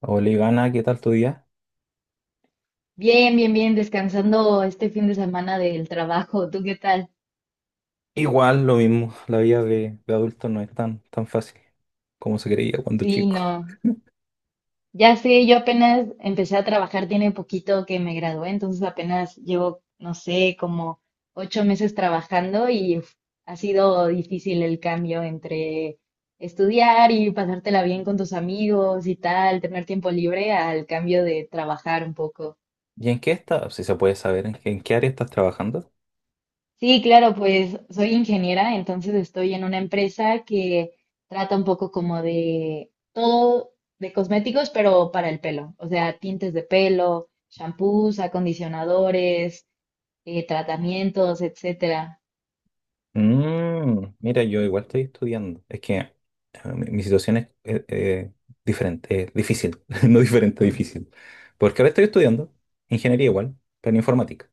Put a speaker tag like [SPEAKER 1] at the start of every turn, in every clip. [SPEAKER 1] Hola Ivana, ¿qué tal tu día?
[SPEAKER 2] Bien, bien, bien, descansando este fin de semana del trabajo. ¿Tú qué tal?
[SPEAKER 1] Igual, lo mismo, la vida de adulto no es tan, tan fácil como se creía cuando
[SPEAKER 2] Sí,
[SPEAKER 1] chico.
[SPEAKER 2] no. Ya sé, yo apenas empecé a trabajar, tiene poquito que me gradué, entonces apenas llevo, no sé, como 8 meses trabajando y uf, ha sido difícil el cambio entre estudiar y pasártela bien con tus amigos y tal, tener tiempo libre al cambio de trabajar un poco.
[SPEAKER 1] ¿Y en qué estás? Si se puede saber, ¿en qué área estás trabajando?
[SPEAKER 2] Sí, claro, pues soy ingeniera, entonces estoy en una empresa que trata un poco como de todo de cosméticos, pero para el pelo, o sea, tintes de pelo, shampoos, acondicionadores, tratamientos, etcétera.
[SPEAKER 1] Mira, yo igual estoy estudiando. Es que mi situación es diferente, difícil, no diferente, difícil. Porque ahora estoy estudiando ingeniería igual, pero en informática.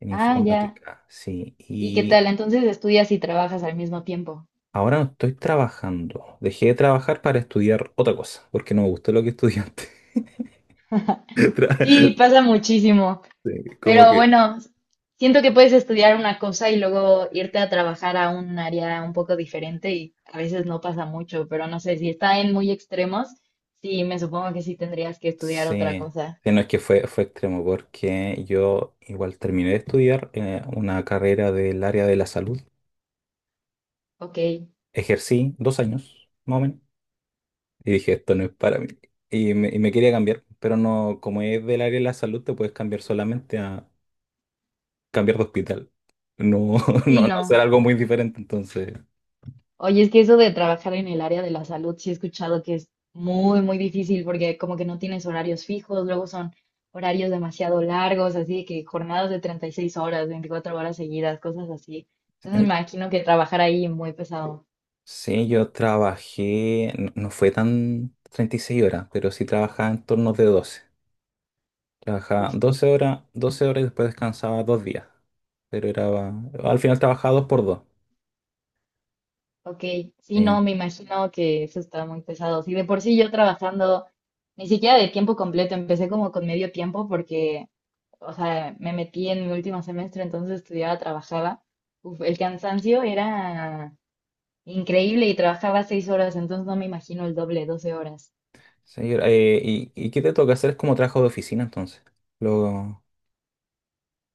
[SPEAKER 1] En
[SPEAKER 2] Ah, ya.
[SPEAKER 1] informática, sí.
[SPEAKER 2] ¿Y qué
[SPEAKER 1] Y
[SPEAKER 2] tal? Entonces estudias y trabajas al mismo tiempo.
[SPEAKER 1] ahora no estoy trabajando. Dejé de trabajar para estudiar otra cosa, porque no me gustó lo que estudié antes.
[SPEAKER 2] Sí,
[SPEAKER 1] Tra-
[SPEAKER 2] pasa muchísimo.
[SPEAKER 1] sí, Como
[SPEAKER 2] Pero
[SPEAKER 1] que...
[SPEAKER 2] bueno, siento que puedes estudiar una cosa y luego irte a trabajar a un área un poco diferente y a veces no pasa mucho, pero no sé, si está en muy extremos, sí, me supongo que sí tendrías que estudiar otra
[SPEAKER 1] Sí,
[SPEAKER 2] cosa.
[SPEAKER 1] sí, no es que fue extremo, porque yo igual terminé de estudiar una carrera del área de la salud.
[SPEAKER 2] Ok,
[SPEAKER 1] Ejercí 2 años, más o menos, y dije, esto no es para mí. Y me quería cambiar, pero no, como es del área de la salud, te puedes cambiar solamente a cambiar de hospital. No, no,
[SPEAKER 2] sí,
[SPEAKER 1] no hacer
[SPEAKER 2] no.
[SPEAKER 1] algo muy diferente, entonces.
[SPEAKER 2] Oye, es que eso de trabajar en el área de la salud, sí he escuchado que es muy, muy difícil porque como que no tienes horarios fijos, luego son horarios demasiado largos, así de que jornadas de 36 horas, 24 horas seguidas, cosas así. Entonces me
[SPEAKER 1] eh,
[SPEAKER 2] imagino que trabajar ahí muy pesado.
[SPEAKER 1] Sí, yo trabajé, no no fue tan 36 horas, pero sí trabajaba en turnos de 12. Trabajaba 12 horas, 12 horas y después descansaba 2 días. Pero era, al final trabajaba dos por dos.
[SPEAKER 2] Ok, sí,
[SPEAKER 1] Eh,
[SPEAKER 2] no, me imagino que eso está muy pesado. Sí, de por sí yo trabajando ni siquiera de tiempo completo, empecé como con medio tiempo porque, o sea, me metí en mi último semestre, entonces estudiaba, trabajaba. Uf, el cansancio era increíble y trabajaba 6 horas, entonces no me imagino el doble, 12 horas.
[SPEAKER 1] señor, ¿y qué te toca hacer? Es como trabajo de oficina entonces. Lo,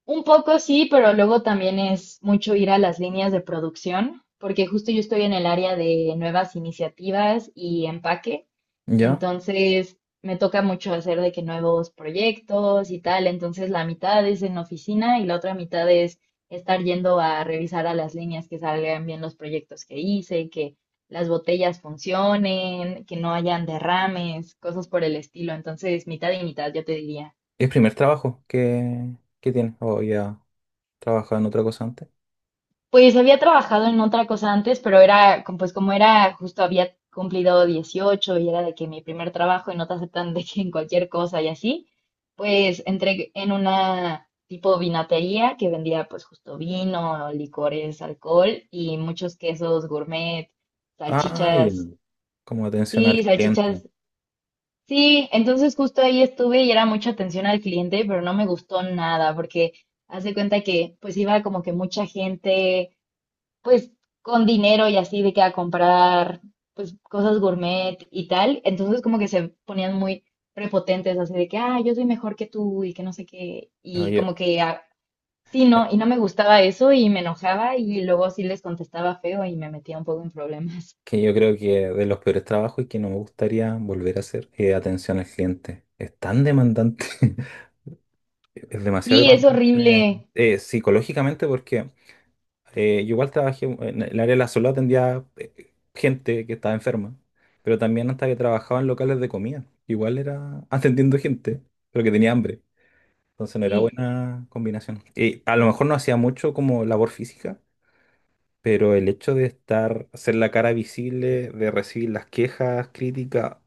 [SPEAKER 2] Un poco sí, pero luego también es mucho ir a las líneas de producción, porque justo yo estoy en el área de nuevas iniciativas y empaque,
[SPEAKER 1] ¿ya?
[SPEAKER 2] entonces me toca mucho hacer de que nuevos proyectos y tal, entonces la mitad es en oficina y la otra mitad es estar yendo a revisar a las líneas que salgan bien los proyectos que hice, que las botellas funcionen, que no hayan derrames, cosas por el estilo, entonces mitad y mitad, yo te diría.
[SPEAKER 1] ¿Es el primer trabajo que tienes? ¿O ya trabajaba en otra cosa antes?
[SPEAKER 2] Pues había trabajado en otra cosa antes, pero era, pues como era, justo había cumplido 18 y era de que mi primer trabajo y no te aceptan de que en cualquier cosa y así, pues entré en una tipo vinatería que vendía pues justo vino, licores, alcohol y muchos quesos gourmet,
[SPEAKER 1] Ah, ya.
[SPEAKER 2] salchichas,
[SPEAKER 1] Como atención
[SPEAKER 2] sí,
[SPEAKER 1] al cliente.
[SPEAKER 2] salchichas, sí, entonces justo ahí estuve y era mucha atención al cliente, pero no me gustó nada porque haz de cuenta que pues iba como que mucha gente pues con dinero y así de que a comprar pues cosas gourmet y tal, entonces como que se ponían muy prepotentes así de que, ah, yo soy mejor que tú y que no sé qué, y
[SPEAKER 1] Oye,
[SPEAKER 2] como que ah, sí,
[SPEAKER 1] eh,
[SPEAKER 2] no, y no me gustaba eso y me enojaba y luego sí les contestaba feo y me metía un poco en problemas.
[SPEAKER 1] que yo creo que de los peores trabajos y que no me gustaría volver a hacer, atención al cliente. Es tan demandante, es demasiado
[SPEAKER 2] Sí, es
[SPEAKER 1] demandante
[SPEAKER 2] horrible,
[SPEAKER 1] psicológicamente porque yo igual trabajé en el área de la salud, atendía gente que estaba enferma, pero también hasta que trabajaba en locales de comida. Igual era atendiendo gente, pero que tenía hambre. Entonces no era
[SPEAKER 2] sí,
[SPEAKER 1] buena combinación. Y a lo mejor no hacía mucho como labor física, pero el hecho de estar, ser la cara visible, de recibir las quejas, críticas,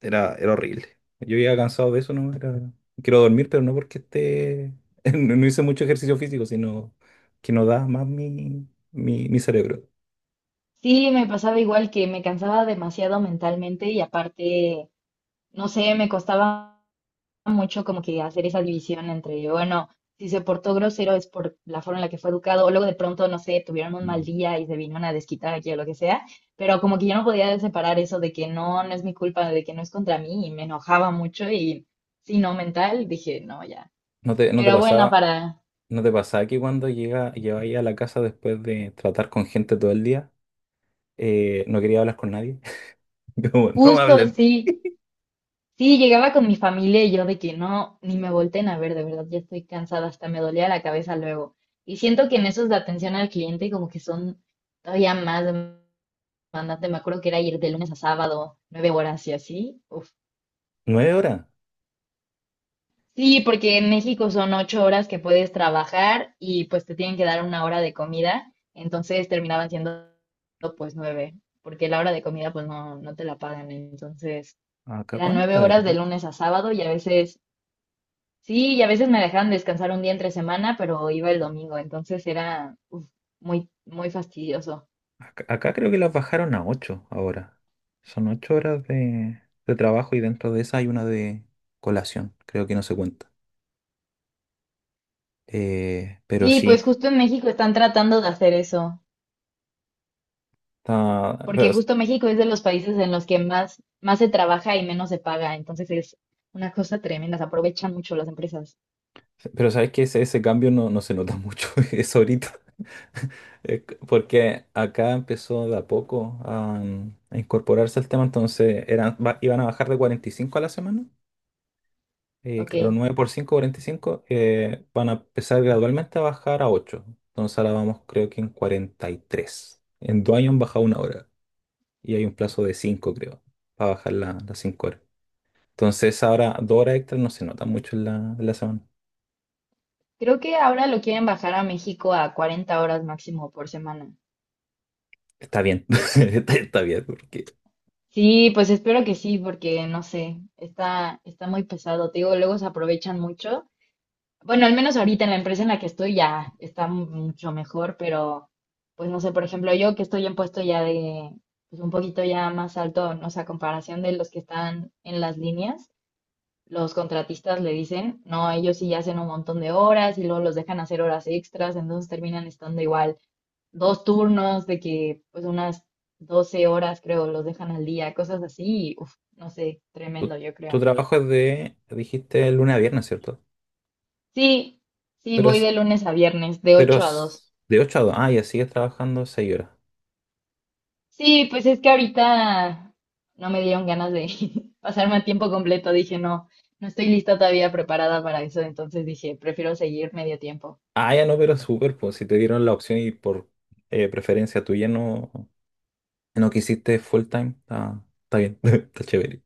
[SPEAKER 1] era horrible. Yo ya cansado de eso, ¿no? Era, quiero dormir, pero no porque esté, no no hice mucho ejercicio físico, sino que no da más mi, mi, mi cerebro.
[SPEAKER 2] sí, me pasaba igual que me cansaba demasiado mentalmente y aparte, no sé, me costaba mucho como que hacer esa división entre, bueno, si se portó grosero es por la forma en la que fue educado, o luego de pronto, no sé, tuvieron un mal
[SPEAKER 1] Mm.
[SPEAKER 2] día y se vinieron a desquitar aquí o lo que sea, pero como que yo no podía separar eso de que no, no es mi culpa, de que no es contra mí, y me enojaba mucho y si no mental, dije, no, ya.
[SPEAKER 1] ¿No te, no te
[SPEAKER 2] Pero bueno,
[SPEAKER 1] pasaba,
[SPEAKER 2] para
[SPEAKER 1] no te pasaba que cuando llegáis a la casa después de tratar con gente todo el día, no quería hablar con nadie? Como, no me
[SPEAKER 2] justo
[SPEAKER 1] hablen.
[SPEAKER 2] sí. Sí, llegaba con mi familia y yo de que no, ni me volteen a ver, de verdad, ya estoy cansada, hasta me dolía la cabeza luego. Y siento que en esos de atención al cliente como que son todavía más demandantes. Me acuerdo que era ir de lunes a sábado, 9 horas y así. Uf.
[SPEAKER 1] ¿Nueve horas?
[SPEAKER 2] Sí, porque en México son 8 horas que puedes trabajar y pues te tienen que dar una hora de comida, entonces terminaban siendo pues nueve, porque la hora de comida pues no, no te la pagan, entonces
[SPEAKER 1] ¿Acá
[SPEAKER 2] eran nueve
[SPEAKER 1] cuántas
[SPEAKER 2] horas de
[SPEAKER 1] eran?
[SPEAKER 2] lunes a sábado y a veces... Sí, y a veces me dejaban descansar un día entre semana, pero iba el domingo, entonces era uf, muy, muy fastidioso.
[SPEAKER 1] Acá creo que las bajaron a 8 ahora. Son 8 horas de trabajo y dentro de esa hay una de colación. Creo que no se cuenta. Pero
[SPEAKER 2] Sí,
[SPEAKER 1] sí,
[SPEAKER 2] pues justo en México están tratando de hacer eso,
[SPEAKER 1] está-
[SPEAKER 2] porque
[SPEAKER 1] pero,
[SPEAKER 2] justo México es de los países en los que más, más se trabaja y menos se paga, entonces es una cosa tremenda, se aprovechan mucho las empresas.
[SPEAKER 1] pero sabes que ese cambio no, no se nota mucho, es ahorita. Porque acá empezó de a poco a incorporarse el tema, entonces eran, iban a bajar de 45 a la semana. Claro,
[SPEAKER 2] Ok,
[SPEAKER 1] 9 por 5, 45, van a empezar gradualmente a bajar a 8. Entonces ahora vamos creo que en 43. En 2 años han bajado 1 hora y hay un plazo de 5, creo, para bajar las 5 horas. Entonces ahora 2 horas extras no se nota mucho en la semana.
[SPEAKER 2] creo que ahora lo quieren bajar a México a 40 horas máximo por semana.
[SPEAKER 1] Está bien, está bien porque
[SPEAKER 2] Sí, pues espero que sí, porque no sé, está muy pesado, te digo, luego se aprovechan mucho. Bueno, al menos ahorita en la empresa en la que estoy ya está mucho mejor, pero pues no sé, por ejemplo, yo que estoy en puesto ya de, pues un poquito ya más alto, no sé, a comparación de los que están en las líneas, los contratistas le dicen, no, ellos sí hacen un montón de horas y luego los dejan hacer horas extras, entonces terminan estando igual dos turnos de que pues unas 12 horas creo los dejan al día, cosas así, y, uf, no sé,
[SPEAKER 1] tu,
[SPEAKER 2] tremendo yo
[SPEAKER 1] tu
[SPEAKER 2] creo.
[SPEAKER 1] trabajo es de, dijiste, lunes a viernes, ¿cierto?
[SPEAKER 2] Sí, sí,
[SPEAKER 1] Pero,
[SPEAKER 2] voy de
[SPEAKER 1] es-
[SPEAKER 2] lunes a viernes, de
[SPEAKER 1] pero
[SPEAKER 2] 8 a 2.
[SPEAKER 1] es de 8 a 2. Ah, ya sigues trabajando 6 horas.
[SPEAKER 2] Sí, pues es que ahorita no me dieron ganas de pasarme a tiempo completo. Dije, no, no estoy lista todavía preparada para eso. Entonces dije, prefiero seguir medio tiempo.
[SPEAKER 1] Ah, ya no, pero súper, pues si te dieron la opción y por preferencia tuya no, no quisiste full time, está bien, está chévere.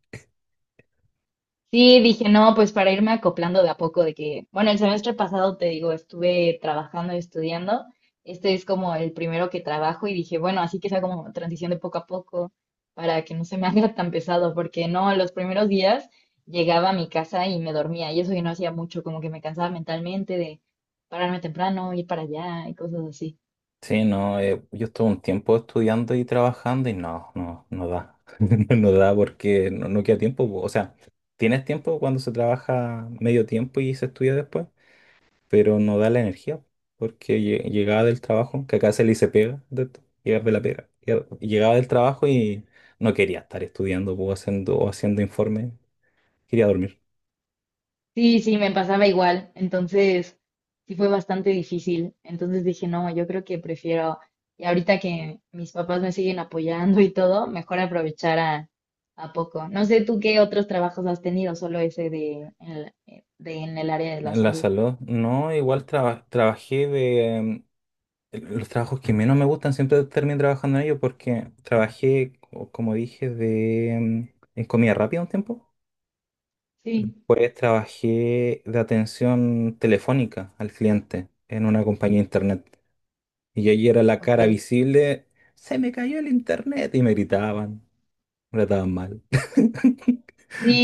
[SPEAKER 2] Sí, dije, no, pues para irme acoplando de a poco, de que, bueno, el semestre pasado te digo, estuve trabajando y estudiando, este es como el primero que trabajo y dije, bueno, así que sea como transición de poco a poco para que no se me haga tan pesado, porque no, los primeros días llegaba a mi casa y me dormía y eso yo no hacía mucho, como que me cansaba mentalmente de pararme temprano, ir para allá y cosas así.
[SPEAKER 1] Sí, no, yo estuve un tiempo estudiando y trabajando y no, no, no da. No da porque no, no queda tiempo, po. O sea, tienes tiempo cuando se trabaja medio tiempo y se estudia después, pero no da la energía porque llegaba del trabajo, que acá se le dice pega, de esto, llegar de la pega. Llegaba del trabajo y no quería estar estudiando po, haciendo, o haciendo informes. Quería dormir.
[SPEAKER 2] Sí, sí, me pasaba igual. Entonces, sí fue bastante difícil. Entonces dije, no, yo creo que prefiero, y ahorita que mis papás me siguen apoyando y todo, mejor aprovechar a poco. No sé tú qué otros trabajos has tenido, solo ese de, de en el área de la
[SPEAKER 1] La
[SPEAKER 2] salud.
[SPEAKER 1] salud, no, igual los trabajos que menos me gustan siempre termino trabajando en ellos porque trabajé, como dije, en comida rápida un tiempo.
[SPEAKER 2] Sí,
[SPEAKER 1] Pues trabajé de atención telefónica al cliente en una compañía de internet. Y yo allí era la
[SPEAKER 2] ok.
[SPEAKER 1] cara visible, se me cayó el internet. Y me gritaban, me trataban mal.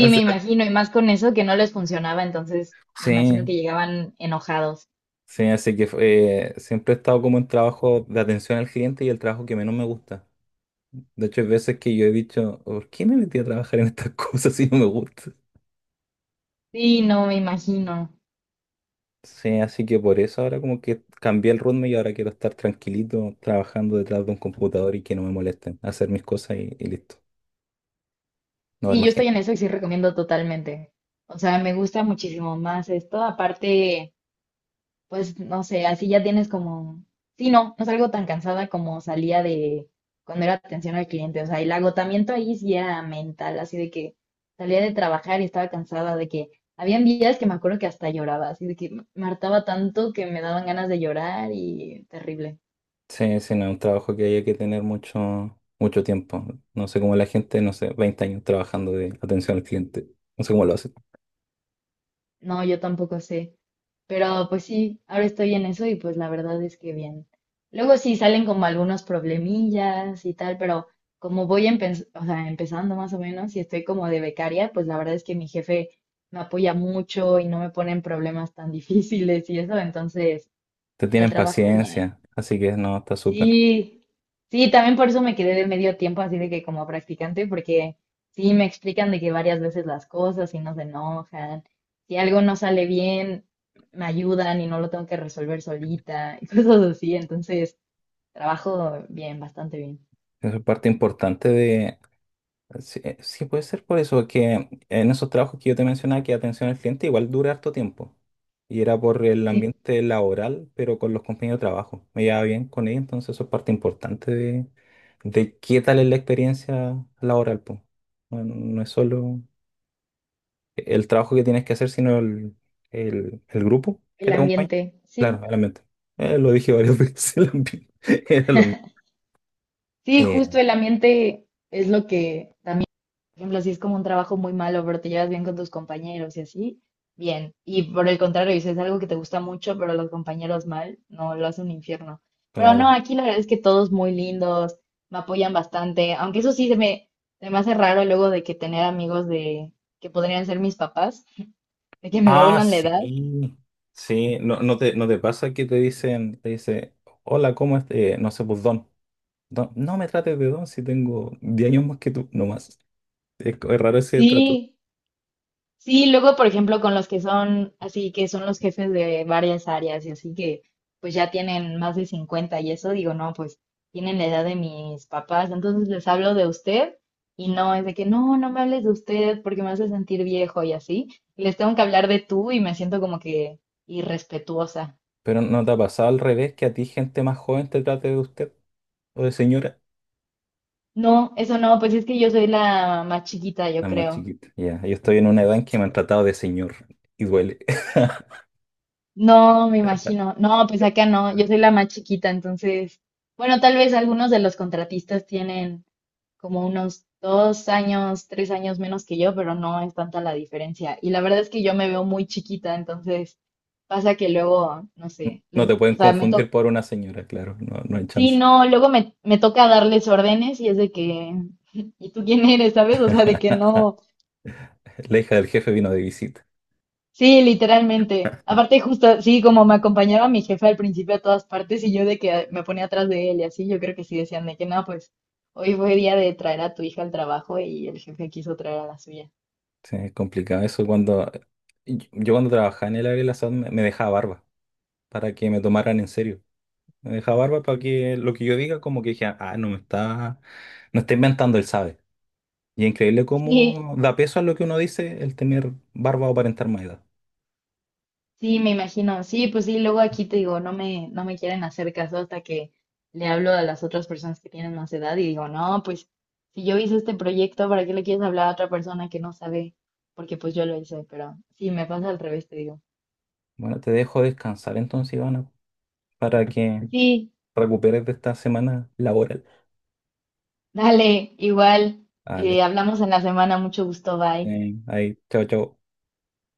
[SPEAKER 1] O
[SPEAKER 2] me
[SPEAKER 1] sea,
[SPEAKER 2] imagino, y más con eso que no les funcionaba, entonces me imagino
[SPEAKER 1] sí.
[SPEAKER 2] que llegaban enojados.
[SPEAKER 1] Sí, así que siempre he estado como en trabajo de atención al cliente y el trabajo que menos me gusta. De hecho, hay veces que yo he dicho, ¿por qué me metí a trabajar en estas cosas si no me gusta?
[SPEAKER 2] Sí, no, me imagino.
[SPEAKER 1] Sí, así que por eso ahora como que cambié el ritmo y ahora quiero estar tranquilito trabajando detrás de un computador y que no me molesten, hacer mis cosas y listo, no ver
[SPEAKER 2] Sí, yo
[SPEAKER 1] más
[SPEAKER 2] estoy
[SPEAKER 1] gente.
[SPEAKER 2] en eso y sí recomiendo totalmente. O sea, me gusta muchísimo más esto. Aparte, pues no sé, así ya tienes como, sí, no, no salgo tan cansada como salía de cuando era atención al cliente. O sea, el agotamiento ahí sí era mental, así de que salía de trabajar y estaba cansada, de que habían días que me acuerdo que hasta lloraba, así de que me hartaba tanto que me daban ganas de llorar y terrible.
[SPEAKER 1] Sí, sí, no, es un trabajo que hay que tener mucho, mucho tiempo. No sé cómo la gente, no sé, 20 años trabajando de atención al cliente. No sé cómo lo hacen.
[SPEAKER 2] No, yo tampoco sé. Pero pues sí, ahora estoy en eso y pues la verdad es que bien. Luego sí salen como algunos problemillas y tal, pero como voy o sea, empezando más o menos y estoy como de becaria, pues la verdad es que mi jefe me apoya mucho y no me pone en problemas tan difíciles y eso, entonces
[SPEAKER 1] Te
[SPEAKER 2] en el
[SPEAKER 1] tienen
[SPEAKER 2] trabajo bien.
[SPEAKER 1] paciencia, así que no, está súper.
[SPEAKER 2] Sí, sí, también por eso me quedé de medio tiempo así de que como practicante, porque sí me explican de que varias veces las cosas y no se enojan, si algo no sale bien, me ayudan y no lo tengo que resolver solita y cosas así, entonces trabajo bien, bastante bien.
[SPEAKER 1] Eso es parte importante de... Sí, sí, puede ser por eso, que en esos trabajos que yo te mencionaba, que atención al cliente igual dura harto tiempo. Y era por el
[SPEAKER 2] Sí,
[SPEAKER 1] ambiente laboral, pero con los compañeros de trabajo. Me llevaba bien con ellos, entonces eso es parte importante de qué tal es la experiencia laboral, po. No, no no es solo el trabajo que tienes que hacer, sino el grupo que
[SPEAKER 2] el
[SPEAKER 1] te acompaña.
[SPEAKER 2] ambiente,
[SPEAKER 1] Claro,
[SPEAKER 2] sí,
[SPEAKER 1] el ambiente. Lo dije varias veces, el ambiente. Era lo mismo.
[SPEAKER 2] sí,
[SPEAKER 1] Eh,
[SPEAKER 2] justo el ambiente es lo que también. Por ejemplo, si es como un trabajo muy malo, pero te llevas bien con tus compañeros y así, bien. Y por el contrario, si es algo que te gusta mucho, pero los compañeros mal, no, lo hace un infierno. Pero no,
[SPEAKER 1] claro.
[SPEAKER 2] aquí la verdad es que todos muy lindos, me apoyan bastante, aunque eso sí se me hace raro luego de que tener amigos de que podrían ser mis papás, de que me
[SPEAKER 1] Ah,
[SPEAKER 2] doblan la edad.
[SPEAKER 1] sí, sí, no, no te pasa que te dice, hola, ¿cómo estás? No sé, pues don. Don, no me trates de don si tengo 10 años más que tú, nomás. Es raro ese trato.
[SPEAKER 2] Sí, sí, luego, por ejemplo, con los que son así, que son los jefes de varias áreas y así que pues ya tienen más de 50 y eso, digo, no, pues tienen la edad de mis papás, entonces les hablo de usted y no es de que no, no me hables de usted porque me hace sentir viejo y así, y les tengo que hablar de tú y me siento como que irrespetuosa.
[SPEAKER 1] Pero ¿no te ha pasado al revés que a ti gente más joven te trate de usted o de señora?
[SPEAKER 2] No, eso no, pues es que yo soy la más chiquita, yo
[SPEAKER 1] La más
[SPEAKER 2] creo.
[SPEAKER 1] chiquita. Ya, yo estoy en una edad en que me han tratado de señor y duele.
[SPEAKER 2] No, me imagino. No, pues acá no, yo soy la más chiquita, entonces, bueno, tal vez algunos de los contratistas tienen como unos 2 años, 3 años menos que yo, pero no es tanta la diferencia. Y la verdad es que yo me veo muy chiquita, entonces pasa que luego, no sé,
[SPEAKER 1] No te pueden
[SPEAKER 2] o sea, me
[SPEAKER 1] confundir
[SPEAKER 2] toca,
[SPEAKER 1] por una señora, claro, no, no hay
[SPEAKER 2] sí,
[SPEAKER 1] chance.
[SPEAKER 2] no, luego me toca darles órdenes y es de que, ¿y tú quién eres, sabes? O sea, de que no,
[SPEAKER 1] La hija del jefe vino de visita.
[SPEAKER 2] sí, literalmente. Aparte, justo, sí, como me acompañaba mi jefe al principio a todas partes y yo de que me ponía atrás de él y así, yo creo que sí decían de que no, pues. Hoy fue día de traer a tu hija al trabajo y el jefe quiso traer a la suya.
[SPEAKER 1] Sí, es complicado eso cuando Y Yo cuando trabajaba en el área de la salud me dejaba barba para que me tomaran en serio. Me dejaba barba para que lo que yo diga como que dijeran, ah, no está inventando, él sabe. Y es increíble
[SPEAKER 2] Sí,
[SPEAKER 1] cómo da peso a lo que uno dice el tener barba o aparentar más edad.
[SPEAKER 2] sí, me imagino. Sí, pues sí, luego aquí te digo, no me quieren hacer caso hasta que le hablo a las otras personas que tienen más edad y digo, no, pues si yo hice este proyecto, ¿para qué le quieres hablar a otra persona que no sabe? Porque pues yo lo hice, pero sí, me pasa al revés, te digo.
[SPEAKER 1] Bueno, te dejo descansar entonces, Ivana, para que
[SPEAKER 2] Sí,
[SPEAKER 1] recuperes de esta semana laboral.
[SPEAKER 2] dale, igual.
[SPEAKER 1] Vale,
[SPEAKER 2] Hablamos en la semana, mucho gusto, bye.
[SPEAKER 1] sí, ahí, chao, chao.